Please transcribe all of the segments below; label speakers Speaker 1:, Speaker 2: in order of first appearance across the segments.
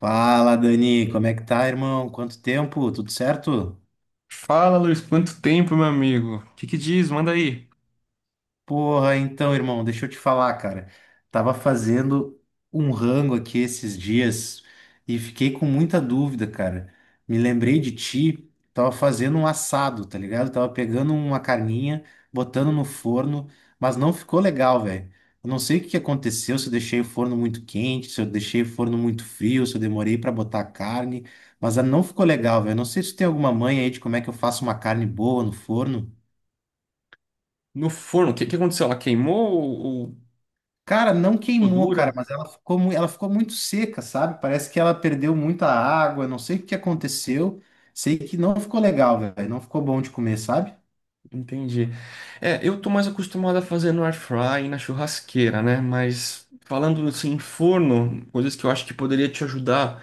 Speaker 1: Fala, Dani, como é que tá, irmão? Quanto tempo? Tudo certo?
Speaker 2: Fala, Luiz, quanto tempo, meu amigo? O que que diz? Manda aí.
Speaker 1: Porra, então, irmão, deixa eu te falar, cara. Tava fazendo um rango aqui esses dias e fiquei com muita dúvida, cara. Me lembrei de ti, tava fazendo um assado, tá ligado? Tava pegando uma carninha, botando no forno, mas não ficou legal, velho. Eu não sei o que que aconteceu, se eu deixei o forno muito quente, se eu deixei o forno muito frio, se eu demorei pra botar a carne, mas não ficou legal, velho. Não sei se tem alguma manha aí de como é que eu faço uma carne boa no forno.
Speaker 2: No forno, o que que aconteceu? Ela queimou ou
Speaker 1: Cara, não
Speaker 2: ficou
Speaker 1: queimou, cara,
Speaker 2: dura?
Speaker 1: mas ela ficou, ela ficou muito seca, sabe? Parece que ela perdeu muita água, não sei o que aconteceu. Sei que não ficou legal, velho. Não ficou bom de comer, sabe?
Speaker 2: Entendi. É, eu tô mais acostumado a fazer no air fry e na churrasqueira, né? Mas falando assim, em forno, coisas que eu acho que poderia te ajudar.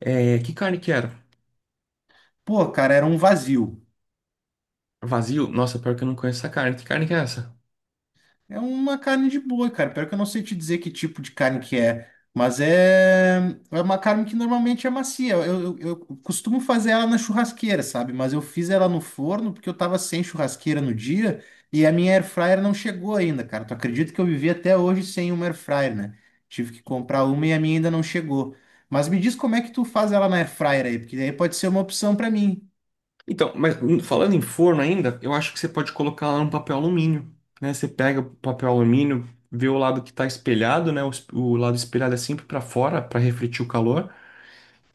Speaker 2: É, que carne que era?
Speaker 1: Pô, cara, era um vazio.
Speaker 2: Vazio? Nossa, pior que eu não conheço essa carne. Que carne que é essa?
Speaker 1: É uma carne de boi, cara. Pior que eu não sei te dizer que tipo de carne que é, mas é, é uma carne que normalmente é macia. Eu costumo fazer ela na churrasqueira, sabe? Mas eu fiz ela no forno porque eu tava sem churrasqueira no dia e a minha air fryer não chegou ainda, cara. Tu acredita que eu vivi até hoje sem uma air fryer, né? Tive que comprar uma e a minha ainda não chegou. Mas me diz como é que tu faz ela na air fryer aí, porque daí pode ser uma opção pra mim.
Speaker 2: Então, mas falando em forno ainda, eu acho que você pode colocar lá no papel alumínio, né? Você pega o papel alumínio, vê o lado que está espelhado, né? O, o lado espelhado é sempre para fora, para refletir o calor,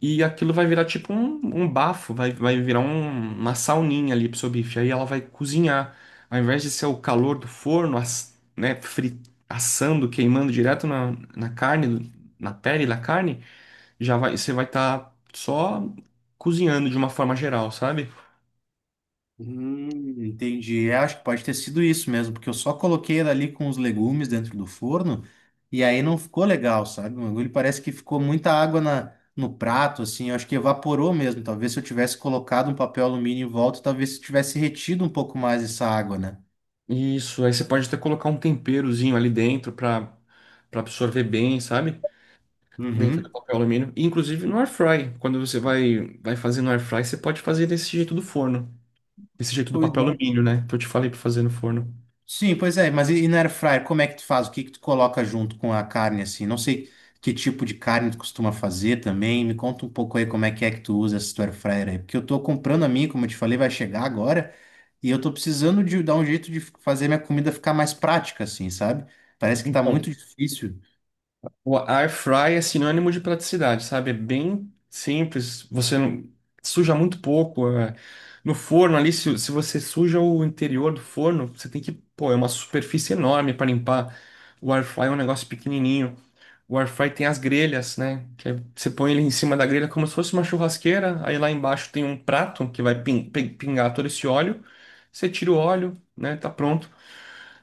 Speaker 2: e aquilo vai virar tipo um bafo, vai virar uma sauninha ali pro seu bife. Aí ela vai cozinhar. Ao invés de ser o calor do forno, né, assando, queimando direto na, na carne, na pele da carne, já vai, você vai estar só cozinhando de uma forma geral, sabe?
Speaker 1: Entendi. É, acho que pode ter sido isso mesmo, porque eu só coloquei ela ali com os legumes dentro do forno e aí não ficou legal, sabe? O bagulho parece que ficou muita água na, no prato, assim. Eu acho que evaporou mesmo. Talvez se eu tivesse colocado um papel alumínio em volta, talvez tivesse retido um pouco mais essa água, né?
Speaker 2: Isso, aí você pode até colocar um temperozinho ali dentro para absorver bem, sabe? Dentro do
Speaker 1: Uhum.
Speaker 2: papel alumínio. E, inclusive no air fry, quando você vai fazer no air fry, você pode fazer desse jeito do forno, desse jeito do
Speaker 1: Pois
Speaker 2: papel
Speaker 1: é.
Speaker 2: alumínio, né? Que eu te falei para fazer no forno.
Speaker 1: Sim, pois é, mas e no air fryer, como é que tu faz? O que que tu coloca junto com a carne assim? Não sei que tipo de carne tu costuma fazer também. Me conta um pouco aí como é que tu usa esse teu air fryer aí, porque eu tô comprando a minha, como eu te falei, vai chegar agora, e eu tô precisando de dar um jeito de fazer minha comida ficar mais prática assim, sabe? Parece que tá
Speaker 2: Então,
Speaker 1: muito difícil.
Speaker 2: o air fry é sinônimo de praticidade, sabe? É bem simples, você não suja muito pouco. É. No forno ali, se você suja o interior do forno, você tem que, pô, é uma superfície enorme para limpar. O air fry é um negócio pequenininho. O air fry tem as grelhas, né? Que aí você põe ele em cima da grelha como se fosse uma churrasqueira. Aí lá embaixo tem um prato que vai pingar todo esse óleo. Você tira o óleo, né? Tá pronto.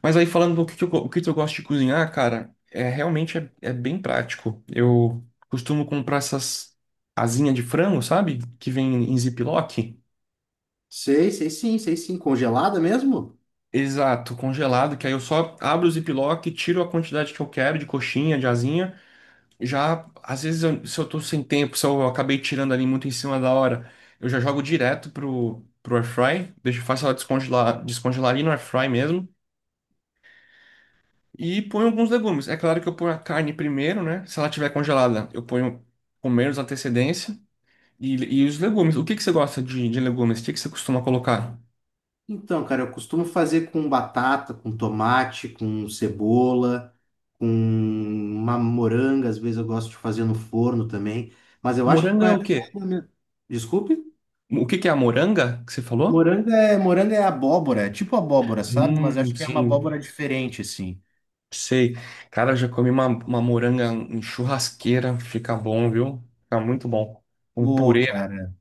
Speaker 2: Mas aí falando do que, o que que eu gosto de cozinhar, cara, é realmente é bem prático. Eu costumo comprar essas asinhas de frango, sabe? Que vem em ziplock.
Speaker 1: Sei, sei sim, sei sim. Congelada mesmo?
Speaker 2: Exato, congelado, que aí eu só abro o ziplock, tiro a quantidade que eu quero de coxinha, de asinha. Já, às vezes, se eu tô sem tempo, se eu acabei tirando ali muito em cima da hora, eu já jogo direto pro, pro air fry deixo, faço ela descongelar, descongelar ali no air fry mesmo, e ponho alguns legumes. É claro que eu ponho a carne primeiro, né? Se ela tiver congelada, eu ponho com menos antecedência, e, e os legumes. O que que você gosta de legumes? O que que você costuma colocar?
Speaker 1: Então, cara, eu costumo fazer com batata, com tomate, com cebola, com uma moranga, às vezes eu gosto de fazer no forno também, mas eu acho que com
Speaker 2: Moranga
Speaker 1: a
Speaker 2: é
Speaker 1: air
Speaker 2: o quê?
Speaker 1: fryer mesmo. Desculpe?
Speaker 2: O que que é a moranga que você falou?
Speaker 1: Moranga é abóbora, é tipo abóbora, sabe? Mas acho que é uma
Speaker 2: Sim.
Speaker 1: abóbora diferente, assim.
Speaker 2: Sei. Cara, eu já comi uma moranga em churrasqueira. Fica bom, viu? Fica muito bom. Um
Speaker 1: Pô,
Speaker 2: purê, né?
Speaker 1: cara,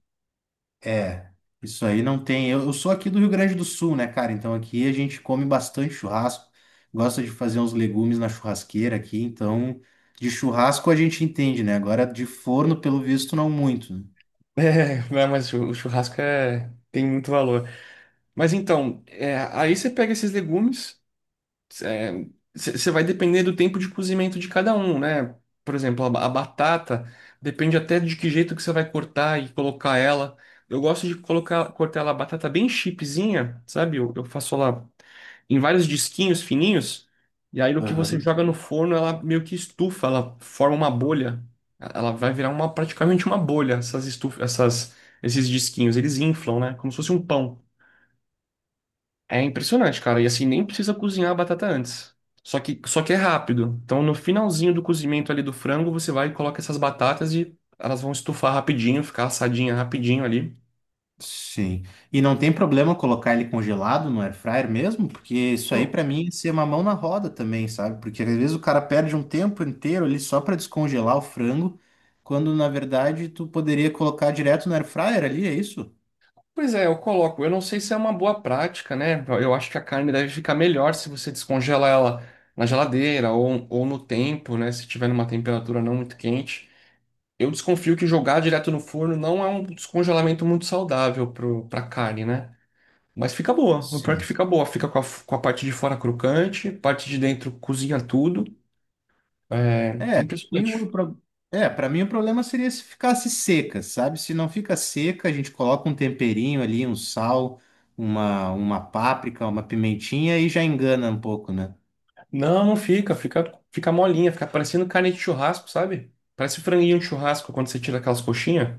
Speaker 1: é, isso aí não tem. Eu sou aqui do Rio Grande do Sul, né, cara? Então aqui a gente come bastante churrasco, gosta de fazer uns legumes na churrasqueira aqui, então de churrasco a gente entende, né? Agora de forno, pelo visto, não muito, né?
Speaker 2: É, né, mas o churrasco tem muito valor. Mas então, é, aí você pega esses legumes, é, você vai depender do tempo de cozimento de cada um, né? Por exemplo, a batata depende até de que jeito que você vai cortar e colocar ela. Eu gosto de colocar, cortar ela a batata bem chipzinha, sabe? Eu faço ela em vários disquinhos fininhos, e aí no que você
Speaker 1: Aham.
Speaker 2: joga no forno, ela meio que estufa, ela forma uma bolha. Ela vai virar uma praticamente uma bolha, essas estufas, essas esses disquinhos, eles inflam, né? Como se fosse um pão. É impressionante, cara. E assim, nem precisa cozinhar a batata antes. Só que é rápido. Então, no finalzinho do cozimento ali do frango, você vai e coloca essas batatas e elas vão estufar rapidinho, ficar assadinha rapidinho ali.
Speaker 1: Sim. E não tem problema colocar ele congelado no air fryer mesmo, porque isso aí
Speaker 2: Eu,
Speaker 1: pra mim é ser uma mão na roda também, sabe? Porque às vezes o cara perde um tempo inteiro ali só pra descongelar o frango, quando na verdade tu poderia colocar direto no air fryer ali, é isso?
Speaker 2: Pois é, eu coloco. Eu não sei se é uma boa prática, né? Eu acho que a carne deve ficar melhor se você descongela ela na geladeira ou no tempo, né? Se tiver numa temperatura não muito quente. Eu desconfio que jogar direto no forno não é um descongelamento muito saudável pro, pra carne, né? Mas fica boa. O pior é que
Speaker 1: Sim.
Speaker 2: fica boa. Fica com a, com a parte de fora crocante, parte de dentro cozinha tudo. É, é
Speaker 1: É, tem um
Speaker 2: impressionante.
Speaker 1: pro- é, para mim o problema seria se ficasse seca, sabe? Se não fica seca, a gente coloca um temperinho ali, um sal, uma páprica, uma pimentinha e já engana um pouco, né?
Speaker 2: Não, não fica. Fica, fica molinha. Fica parecendo carne de churrasco, sabe? Parece franguinho de churrasco quando você tira aquelas coxinhas.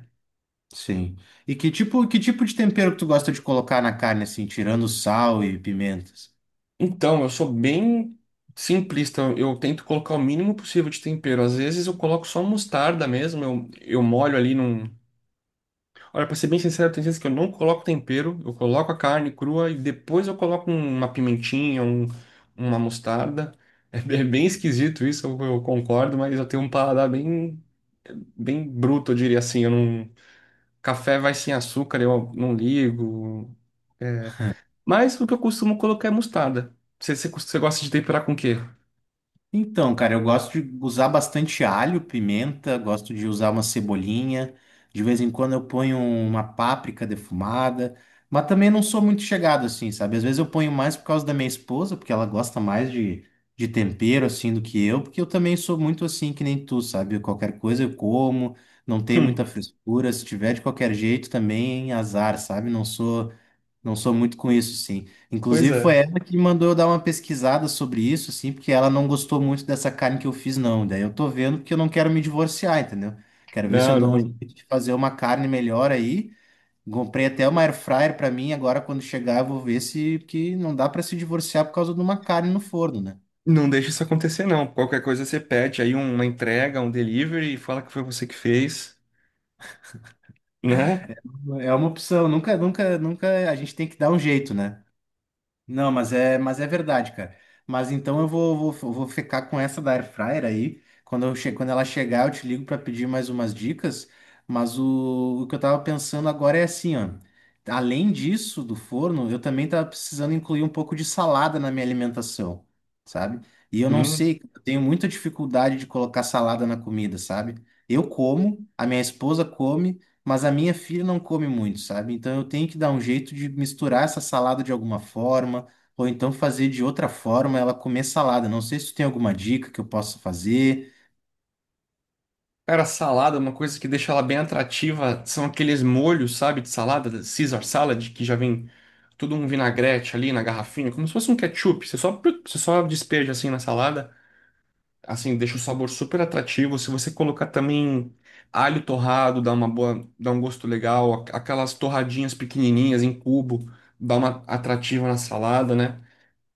Speaker 1: Sim. E que tipo de tempero que tu gosta de colocar na carne, assim, tirando sal e pimentas?
Speaker 2: Então, eu sou bem simplista. Eu tento colocar o mínimo possível de tempero. Às vezes eu coloco só mostarda mesmo. Eu molho ali num. Olha, pra ser bem sincero, tem vezes que eu não coloco tempero. Eu coloco a carne crua e depois eu coloco uma pimentinha, uma mostarda. É bem esquisito isso, eu concordo, mas eu tenho um paladar bem, bem bruto, eu diria assim. Eu não... Café vai sem açúcar, eu não ligo. É, mas o que eu costumo colocar é mostarda. Você gosta de temperar com o quê?
Speaker 1: Então, cara, eu gosto de usar bastante alho, pimenta, gosto de usar uma cebolinha. De vez em quando eu ponho uma páprica defumada, mas também não sou muito chegado assim, sabe? Às vezes eu ponho mais por causa da minha esposa, porque ela gosta mais de tempero assim do que eu, porque eu também sou muito assim que nem tu, sabe? Qualquer coisa eu como, não tenho
Speaker 2: Hum,
Speaker 1: muita frescura. Se tiver de qualquer jeito também, azar, sabe? Não sou. Não sou muito com isso, sim.
Speaker 2: pois
Speaker 1: Inclusive,
Speaker 2: é.
Speaker 1: foi ela que mandou eu dar uma pesquisada sobre isso, assim, porque ela não gostou muito dessa carne que eu fiz, não. Daí eu tô vendo porque eu não quero me divorciar, entendeu? Quero ver se eu
Speaker 2: Não,
Speaker 1: dou um
Speaker 2: não.
Speaker 1: jeito de fazer uma carne melhor aí. Comprei até uma air fryer pra mim, agora quando chegar eu vou ver se que não dá pra se divorciar por causa de uma carne no forno, né?
Speaker 2: Não deixa isso acontecer, não. Qualquer coisa você pede aí uma entrega, um delivery e fala que foi você que fez, né?
Speaker 1: É uma opção, nunca, nunca, nunca, a gente tem que dar um jeito, né? Não, mas é verdade, cara. Mas então eu vou ficar com essa da Air Fryer aí. Quando ela chegar, eu te ligo para pedir mais umas dicas. Mas o que eu tava pensando agora é assim, ó. Além disso, do forno, eu também tava precisando incluir um pouco de salada na minha alimentação, sabe? E eu não
Speaker 2: Hum.
Speaker 1: sei, eu tenho muita dificuldade de colocar salada na comida, sabe? Eu como, a minha esposa come. Mas a minha filha não come muito, sabe? Então eu tenho que dar um jeito de misturar essa salada de alguma forma, ou então fazer de outra forma ela comer salada. Não sei se tu tem alguma dica que eu possa fazer.
Speaker 2: Cara, salada, é uma coisa que deixa ela bem atrativa são aqueles molhos, sabe, de salada, Caesar salad, que já vem todo um vinagrete ali na garrafinha, como se fosse um ketchup. Você só despeja assim na salada. Assim, deixa o sabor super atrativo. Se você colocar também alho torrado, dá um gosto legal. Aquelas torradinhas pequenininhas em cubo, dá uma atrativa na salada, né?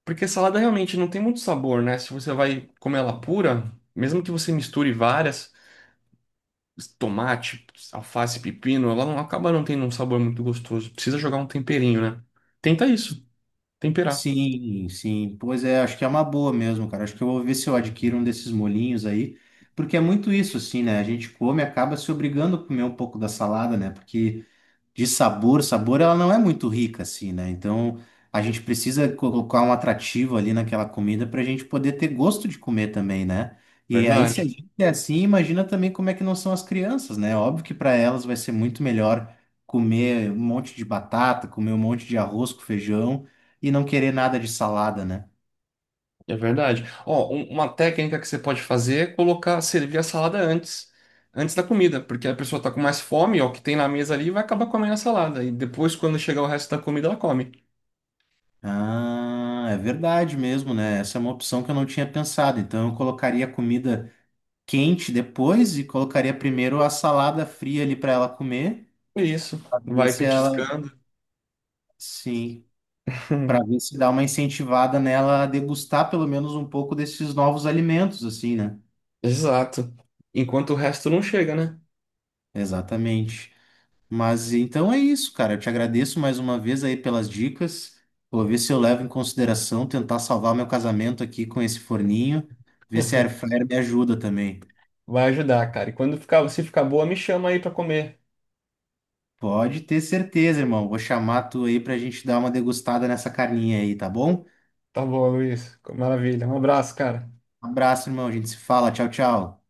Speaker 2: Porque salada realmente não tem muito sabor, né? Se você vai comer ela pura, mesmo que você misture várias, tomate, alface, pepino, ela não acaba não tendo um sabor muito gostoso. Precisa jogar um temperinho, né? Tenta isso, temperar.
Speaker 1: Sim, sim. Pois é, acho que é uma boa mesmo, cara. Acho que eu vou ver se eu adquiro um desses molhinhos aí, porque é muito isso, assim, né? A gente come e acaba se obrigando a comer um pouco da salada, né? Porque de sabor, sabor ela não é muito rica assim, né? Então a gente precisa colocar um atrativo ali naquela comida para a gente poder ter gosto de comer também, né? E aí se a
Speaker 2: Verdade.
Speaker 1: gente é assim, imagina também como é que não são as crianças, né? Óbvio que para elas vai ser muito melhor comer um monte de batata, comer um monte de arroz com feijão e não querer nada de salada, né?
Speaker 2: É verdade. Ó, uma técnica que você pode fazer é colocar, servir a salada antes, antes da comida, porque a pessoa tá com mais fome, ó, o que tem na mesa ali vai acabar comendo a salada e depois quando chegar o resto da comida ela come.
Speaker 1: Ah, é verdade mesmo, né? Essa é uma opção que eu não tinha pensado. Então eu colocaria comida quente depois e colocaria primeiro a salada fria ali para ela comer,
Speaker 2: É isso,
Speaker 1: para ver
Speaker 2: vai
Speaker 1: se ela,
Speaker 2: petiscando.
Speaker 1: sim, para ver se dá uma incentivada nela a degustar pelo menos um pouco desses novos alimentos, assim, né?
Speaker 2: Exato. Enquanto o resto não chega, né?
Speaker 1: Exatamente. Mas então é isso, cara. Eu te agradeço mais uma vez aí pelas dicas. Vou ver se eu levo em consideração tentar salvar meu casamento aqui com esse forninho, ver se a air fryer me ajuda também.
Speaker 2: Vai ajudar, cara. E quando ficar, se ficar boa, me chama aí pra comer.
Speaker 1: Pode ter certeza, irmão. Vou chamar tu aí pra gente dar uma degustada nessa carninha aí, tá bom?
Speaker 2: Tá bom, Luiz. Maravilha. Um abraço, cara.
Speaker 1: Um abraço, irmão. A gente se fala. Tchau, tchau.